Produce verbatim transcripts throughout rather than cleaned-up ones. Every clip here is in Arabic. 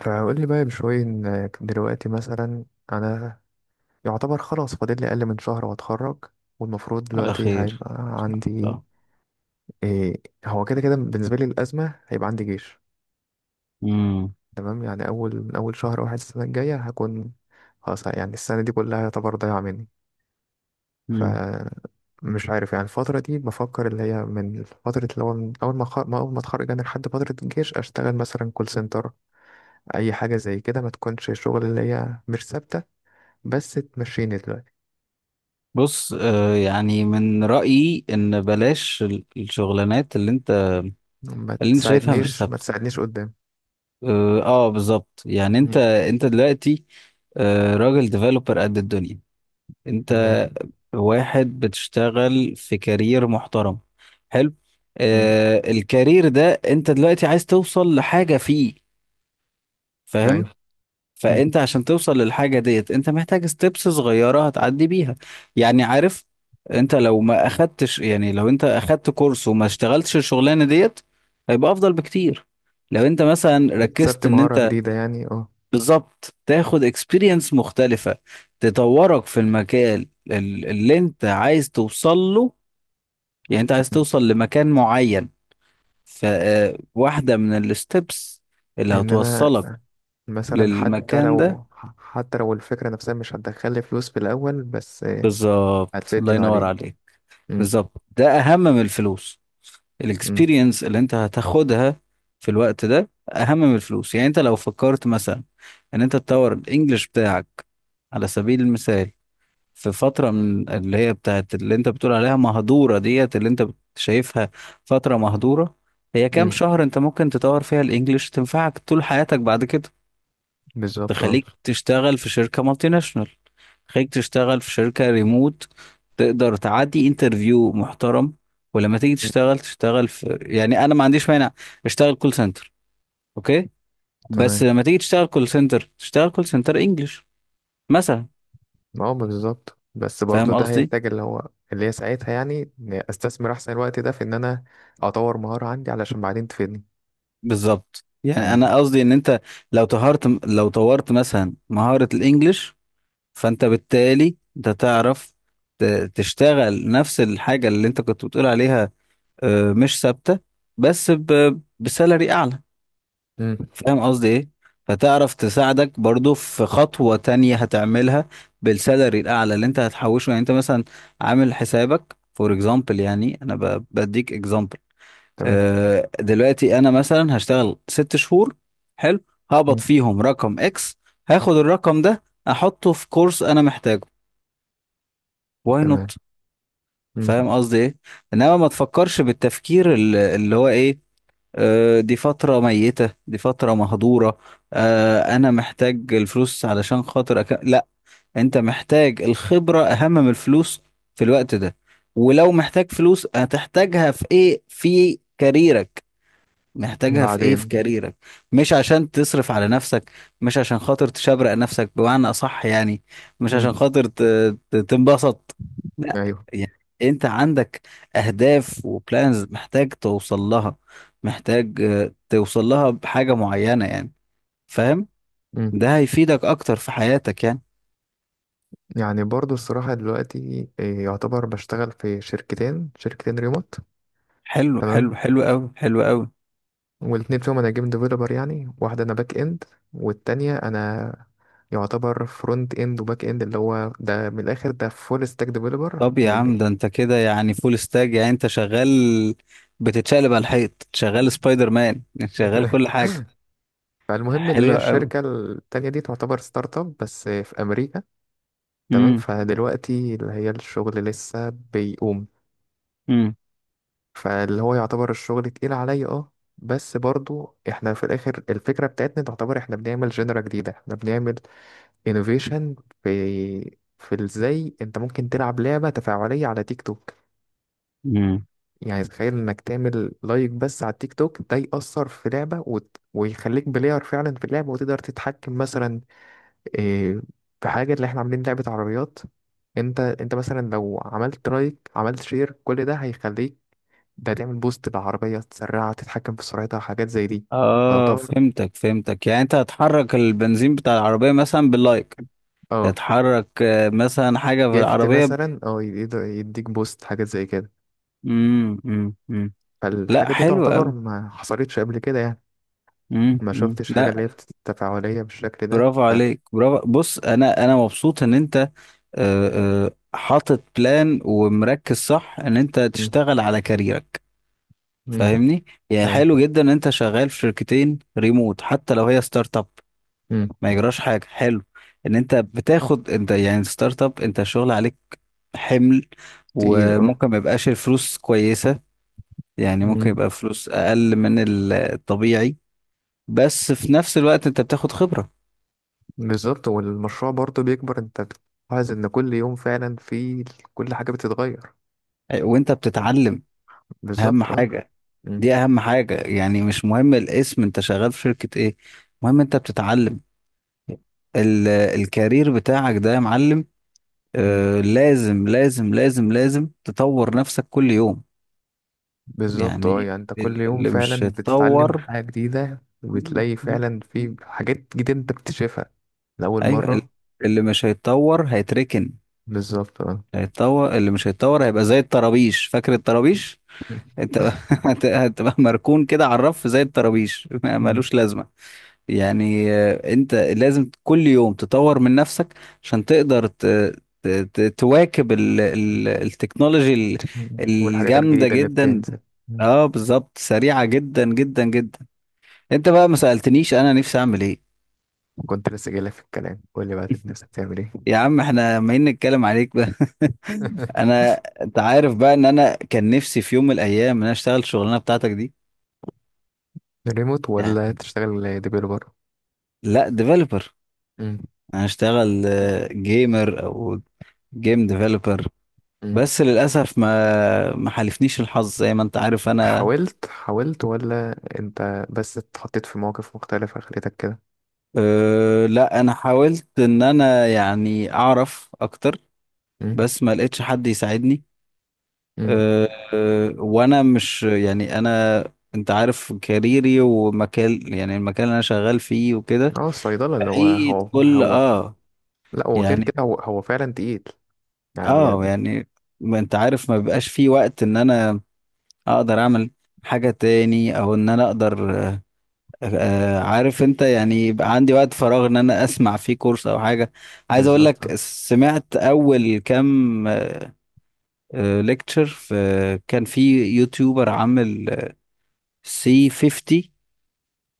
فقول لي بقى بشوية إن دلوقتي مثلا أنا يعتبر خلاص فاضل لي أقل من شهر وأتخرج، والمفروض على دلوقتي خير. هيبقى عندي. لا. إيه هو كده كده بالنسبة لي الأزمة هيبقى عندي جيش. مم. تمام، يعني أول من أول شهر واحد السنة الجاية هكون خلاص. يعني السنة دي كلها يعتبر ضايعة مني. ف مم. مش عارف، يعني الفترة دي بفكر اللي هي من فترة اللي هو من أول ما خ... ما أول ما أتخرج أنا لحد فترة الجيش أشتغل مثلا كول سنتر، أي حاجة زي كده ما تكونش شغل، اللي هي مش ثابتة بس تمشيني دلوقتي. بص، آه يعني من رأيي ان بلاش ال- الشغلانات اللي انت، ما اللي انت شايفها مش تساعدنيش ما ثابتة. تساعدنيش قدام. اه آه، بالظبط، يعني انت مم. انت دلوقتي آه راجل ديفلوبر قد الدنيا. انت تمام. واحد بتشتغل في كارير محترم، حلو. مم. آه الكارير ده انت دلوقتي عايز توصل لحاجة فيه، فاهم؟ ايوه. مم. فانت عشان توصل للحاجه ديت، انت محتاج ستيبس صغيره هتعدي بيها، يعني عارف. انت لو ما اخدتش، يعني لو انت اخدت كورس وما اشتغلتش الشغلانه ديت، هيبقى افضل بكتير. لو انت مثلا ركزت اكتسبت ان مهارة انت، جديدة يعني اه. بالظبط، تاخد اكسبيرينس مختلفه، تطورك في المكان ال- اللي انت عايز توصل له. يعني انت عايز مم. توصل لمكان معين، فواحده من الستبس اللي ان انا هتوصلك مثلا حتى للمكان ده. لو حتى لو الفكرة نفسها مش هتدخلي فلوس في الأول، بس آه، بالظبط، هتفيدني الله ينور بعدين. عليك. مم. بالظبط، ده اهم من الفلوس. مم. الاكسبيرينس اللي انت هتاخدها في الوقت ده اهم من الفلوس. يعني انت لو فكرت مثلا ان انت تطور الانجليش بتاعك على سبيل المثال، في فترة من اللي هي بتاعت اللي انت بتقول عليها مهدورة ديت، اللي انت شايفها فترة مهدورة. هي كام مم. شهر انت ممكن تطور فيها الانجليش تنفعك طول حياتك بعد كده. بالظبط اه. تخليك تشتغل في شركة مالتي ناشونال، تخليك تشتغل في شركة ريموت، تقدر تعدي انترفيو محترم. ولما تيجي مم. تشتغل، تشتغل في، يعني انا ما عنديش مانع اشتغل كول سنتر، اوكي، بس تمام. لما تيجي تشتغل كول سنتر، تشتغل كول سنتر انجلش مثلا. اه بالظبط، بس برضو فاهم ده قصدي؟ هيحتاج اللي هو اللي هي ساعتها، يعني إني استثمر احسن الوقت ده في ان انا اطور مهارة عندي علشان بعدين تفيدني. بالظبط، يعني مم. انا قصدي ان انت لو طهرت، لو طورت مثلا مهارة الانجليش، فانت بالتالي انت تعرف ت- تشتغل نفس الحاجة اللي انت كنت بتقول عليها آه، مش ثابتة بس ب- بسالري أعلى. مم. فاهم قصدي إيه؟ فتعرف تساعدك برضو في خطوة تانية هتعملها بالسالري الأعلى اللي أنت هتحوشه. يعني أنت مثلا عامل حسابك فور إكزامبل، يعني أنا ب- بديك إكزامبل. تمام. آه، دلوقتي أنا مثلا هشتغل ست شهور، حلو، هقبض مم. فيهم رقم إكس، هاخد الرقم ده أحطه في كورس أنا محتاجه. واي نوت؟ تمام. مم. فاهم قصدي إيه؟ إنما ما تفكرش بالتفكير اللي، اللي هو إيه، آه، دي فترة ميتة، دي فترة مهدورة، آه، أنا محتاج الفلوس علشان خاطر أك... لا، أنت محتاج الخبرة أهم من الفلوس في الوقت ده. ولو محتاج فلوس، هتحتاجها في إيه؟ في كاريرك. محتاجها في ايه؟ في بعدين. كاريرك. مش عشان تصرف على نفسك، مش عشان خاطر تشبرق نفسك بمعنى اصح يعني، مش مم. عشان خاطر ت- ت- تنبسط. لا، ايوه. يعني انت عندك اهداف وبلانز محتاج توصل لها، محتاج آه، توصل لها بحاجة معينة يعني، فاهم. مم. ده هيفيدك اكتر في حياتك يعني. يعني برضو الصراحة دلوقتي إيه، يعتبر بشتغل في شركتين شركتين ريموت. حلو، حلو، تمام. حلو قوي، حلو قوي. والاتنين فيهم انا جيم ديفلوبر، يعني واحدة انا باك اند، والتانية انا يعتبر فرونت اند وباك اند، اللي هو ده من الاخر ده فول ستاك ديفلوبر. طب يا عم ده انت كده يعني فول ستاج، يعني انت شغال، بتتشقلب على الحيط، شغال سبايدر مان، شغال كل حاجة. فالمهم اللي هي حلو قوي. الشركة التانية دي تعتبر ستارت اب بس في امريكا. تمام. امم فدلوقتي اللي هي الشغل لسه بيقوم، امم فاللي هو يعتبر الشغل تقيل عليا اه. بس برضو احنا في الاخر الفكرة بتاعتنا تعتبر احنا بنعمل جنرا جديدة، احنا بنعمل انوفيشن في، في ازاي انت ممكن تلعب لعبة تفاعلية على تيك توك. امم يعني تخيل انك تعمل لايك بس على التيك توك ده يأثر في لعبة وت... ويخليك بلاير فعلا في اللعبة، وتقدر تتحكم مثلا إيه، في حاجة، اللي احنا عاملين لعبة عربيات. انت انت مثلا لو عملت لايك عملت شير، كل ده هيخليك ده تعمل بوست لعربية، تسرعها تتحكم في سرعتها، حاجات زي دي. اه، تعتبر فهمتك فهمتك. يعني انت هتحرك البنزين بتاع العربية مثلا باللايك، اه. هتحرك آه، مثلا حاجة في جفت العربية. مثلا اه يقدر يديك بوست، حاجات زي كده. امم امم امم لا، فالحاجة دي حلو تعتبر قوي. ما حصلتش قبل كده يعني. امم ما امم شفتش حاجة اللي لا، هي بت- تفاعلية بالشكل ده برافو ف- عليك، برافو. بص، انا انا مبسوط ان انت آه، آه، حاطط بلان ومركز صح ان انت مم. تشتغل على كاريرك، مم. فاهمني؟ يعني أيوة. حلو جدا ان انت شغال في شركتين ريموت، حتى لو هي ستارت اب، مم. ما يجراش حاجه. حلو ان انت بتاخد، انت يعني ستارت اب انت الشغل عليك حمل، تقيل اه. وممكن ما يبقاش الفلوس كويسه، يعني ممكن مم. يبقى فلوس اقل من ال- الطبيعي، بس في نفس الوقت انت بتاخد خبره بالظبط، والمشروع برضه بيكبر، انت بتلاحظ ان كل يوم فعلا في كل حاجة بتتغير. وانت بتتعلم، اهم بالظبط اه. حاجه. مم. دي اهم حاجه، يعني مش مهم الاسم انت شغال في شركه ايه، المهم انت بتتعلم. ال- الكارير بتاعك ده يا معلم، مم. آه لازم لازم لازم لازم تطور نفسك كل يوم، بالظبط اه، يعني يعني انت كل يوم اللي مش فعلا بتتعلم هيتطور. حاجة جديدة، مم. وبتلاقي مم. فعلا في حاجات جديدة انت بتكتشفها لأول ايوه، ال- مرة. اللي مش هيتطور هيتركن. بالظبط اه. هيتطور، اللي مش هيتطور هيبقى زي الطرابيش، فاكر الطرابيش؟ انت هت- هتبقى مركون كده على الرف زي الطرابيش، ما مم. ملوش لازمه. يعني آه، انت لازم كل يوم تطور من نفسك عشان تقدر ت... ت... ت- تواكب ال... ال... التكنولوجي ال- والحاجات الجامده الجديدة اللي جدا. بتنزل. مم. اه بالظبط، سريعه جدا جدا جدا. انت بقى ما سالتنيش انا نفسي اعمل ايه. كنت لسه جايلك في الكلام، قول لي بقى انت نفسك تعمل ايه. يا عم احنا ما نتكلم عليك بقى. انا، انت عارف بقى ان انا كان نفسي في يوم من الايام ان انا اشتغل الشغلانه بتاعتك دي، ريموت يعني. ولا تشتغل ديفيلوبر. لا، ديفلوبر. مم. انا اشتغل جيمر او جيم ديفلوبر، مم. بس للاسف ما ما حالفنيش الحظ، زي ما انت عارف انا. حاولت حاولت ولا انت بس اتحطيت في مواقف مختلفة خليتك كده. اه، لا انا حاولت ان انا يعني اعرف اكتر، مم. بس ما لقيتش حد يساعدني. مم. اه. اه وانا مش يعني انا، انت عارف كاريري ومكان، يعني المكان اللي انا شغال فيه وكده اه الصيدلة اللي هو بعيد هو كل هو. اه، لا هو غير يعني كده، هو هو فعلا تقيل يعني. اه، يعني ما انت عارف ما بيبقاش في وقت ان انا اقدر اعمل حاجة تاني، او ان انا اقدر آه آه، عارف انت يعني، يبقى عندي وقت فراغ ان انا اسمع فيه كورس او حاجة. عايز اقول بالظبط اه. لك، سمعت اول كام ليكتشر في، كان في يوتيوبر عامل سي فيفتي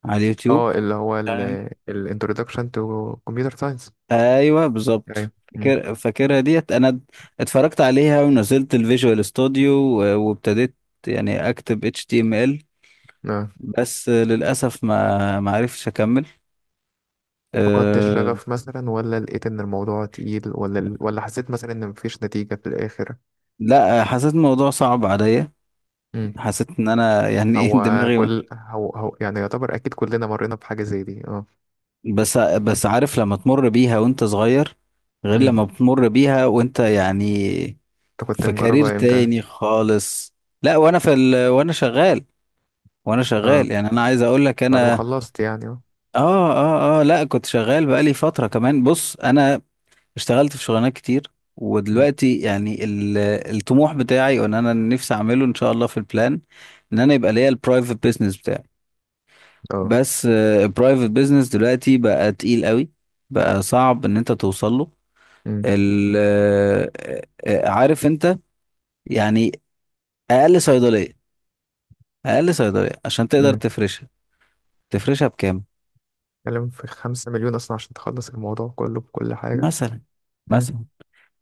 على آه، اليوتيوب. اللي هو ال الانترودكشن تو كمبيوتر ساينس. ايوه بالظبط، ايوه. مم. فاكر فاكرها ديت انا. اتفرجت عليها ونزلت الفيجوال ستوديو، و- وابتديت يعني اكتب إتش تي إم إل، آه. بس للاسف ما ما عرفتش اكمل. فقدت أه. الشغف مثلا ولا لقيت ان الموضوع تقيل ولا ال- ولا حسيت مثلا ان مفيش نتيجة في الاخر. لا، حسيت الموضوع صعب عليا، مم. حسيت ان انا يعني ايه هو دماغي. كل هو هو يعني يعتبر اكيد كلنا مرينا بحاجة زي دي اه. بس بس عارف لما تمر بيها وانت صغير، غير لما مم. بتمر بيها وانت يعني انت كنت في كارير مجربها امتى؟ تاني خالص. لا وانا في ال... وانا شغال، وانا اه شغال. يعني انا عايز اقول لك، بعد ما انا خلصت يعني اه. اه اه اه، لا كنت شغال بقالي فترة كمان. بص انا اشتغلت في شغلانات كتير، مم. ودلوقتي يعني ال- الطموح بتاعي وان انا نفسي اعمله ان شاء الله في البلان ان انا يبقى ليا البرايفت بيزنس بتاعي، اه. بس البرايفت بيزنس دلوقتي بقى تقيل قوي، بقى صعب ان انت توصل له. مم. ال- آه، آه، عارف انت يعني، اقل صيدلية، اقل صيدلية عشان تقدر مم. تفرشها، تفرشها بكام؟ اتكلم في خمسة مليون اصلا عشان تخلص الموضوع كله بكل حاجة. مثلا، مم. مثلا.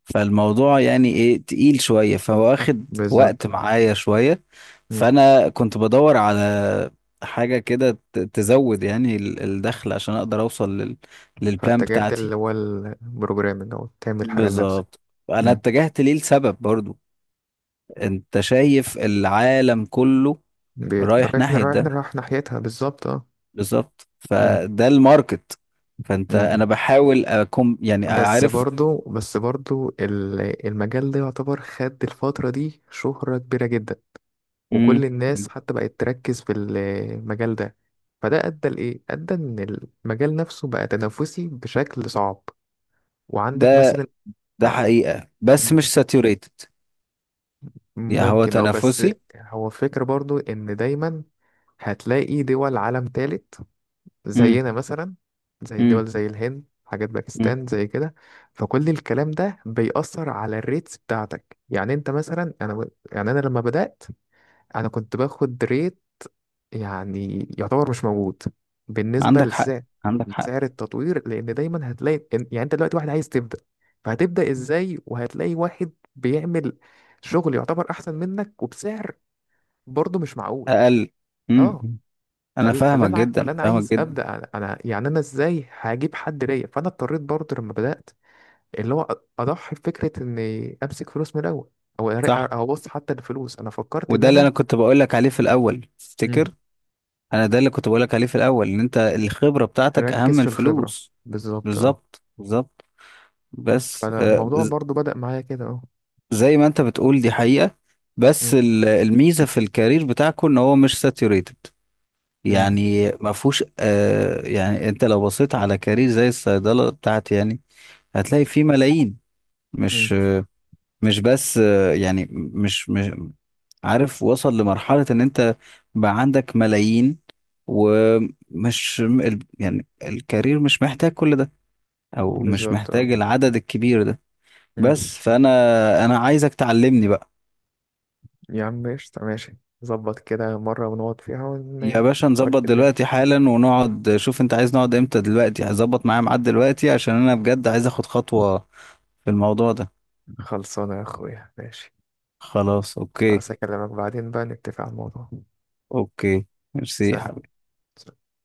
فالموضوع يعني ايه، تقيل شوية، فواخد بالظبط. وقت معايا شوية. فانا كنت بدور على حاجة كده ت- تزود يعني ال- الدخل عشان اقدر اوصل لل...، للبلان فاتجهت بتاعتي. اللي هو البروجرامنج أو تعمل حاجة لنفسك. بالظبط. انا مم. اتجهت ليه لسبب برضو، انت شايف العالم كله بي- رايح رايح ناحية رايح ده. رايح ناحيتها بالظبط اه. بالظبط، مم. فده الماركت. فانت، مم. انا بحاول اكون يعني بس عارف. برضو بس برضو ال- المجال ده يعتبر خد الفترة دي شهرة كبيرة جدا، وكل مم. الناس حتى بقت تركز في المجال ده. فده أدى لإيه؟ أدى إن المجال نفسه بقى تنافسي بشكل صعب. وعندك ده، مثلا ده حقيقة بس مش ساتوريتد، يعني هو ممكن أو بس. تنافسي. هو فكرة برضو إن دايما هتلاقي دول عالم تالت امم زينا مثلا، زي امم دول زي الهند، حاجات امم باكستان زي كده. فكل الكلام ده بيأثر على الريتس بتاعتك، يعني انت مثلا انا، يعني انا لما بدأت انا كنت باخد ريت يعني يعتبر مش موجود بالنسبة عندك حق، لسعر، عندك حق. لسعر التطوير، لان دايما هتلاقي إن- يعني انت دلوقتي واحد عايز تبدأ، فهتبدأ ازاي، وهتلاقي واحد بيعمل شغل يعتبر احسن منك وبسعر برضه مش معقول اقل. امم. اه. امم. انا فال- فاللي فاهمك انا عاي- جدا، فاللي انا فاهمك عايز جدا. ابدا انا، يعني انا ازاي هجيب حد ليا، فانا اضطريت برضه لما بدات اللي هو أ- اضحي بفكره اني امسك فلوس من الاول، او أر- صح، او ابص حتى للفلوس انا فكرت ان وده اللي انا. انا كنت بقول لك عليه في الاول، مم. تفتكر انا ده اللي كنت بقول لك عليه في الاول ان انت الخبرة بتاعتك اهم اركز من في الخبره الفلوس. بالظبط اه. بالظبط، بالظبط. بس آه، فالموضوع ز- برضه بدا معايا كده اه. زي ما انت بتقول دي حقيقة، بس مم. ال- الميزة في الكارير بتاعكم ان هو مش ساتيوريتد. مم. يعني ما فيهوش آه يعني، انت لو بصيت على كارير زي الصيدلة بتاعتي يعني هتلاقي فيه ملايين. مم. مش مش بس آه، يعني مش مش عارف، وصل لمرحلة ان انت بقى عندك ملايين، ومش ال- يعني الكارير مش محتاج كل ده، او مش بالظبط اه. محتاج العدد الكبير ده. مم. بس فانا، انا عايزك تعلمني بقى. يا عم قشطة ماشي، ظبط كده مرة ونقعد فيها يا باشا نظبط ونوريك الدنيا. دلوقتي حالا، ونقعد. شوف انت عايز نقعد امتى، دلوقتي هظبط معايا ميعاد دلوقتي عشان انا بجد عايز اخد خطوة في الموضوع ده. خلصانة يا أخويا ماشي، خلاص اوكي. بس أكلمك بعدين بقى نتفق على الموضوع. اوكي، ميرسي يا سلام. حبيبي.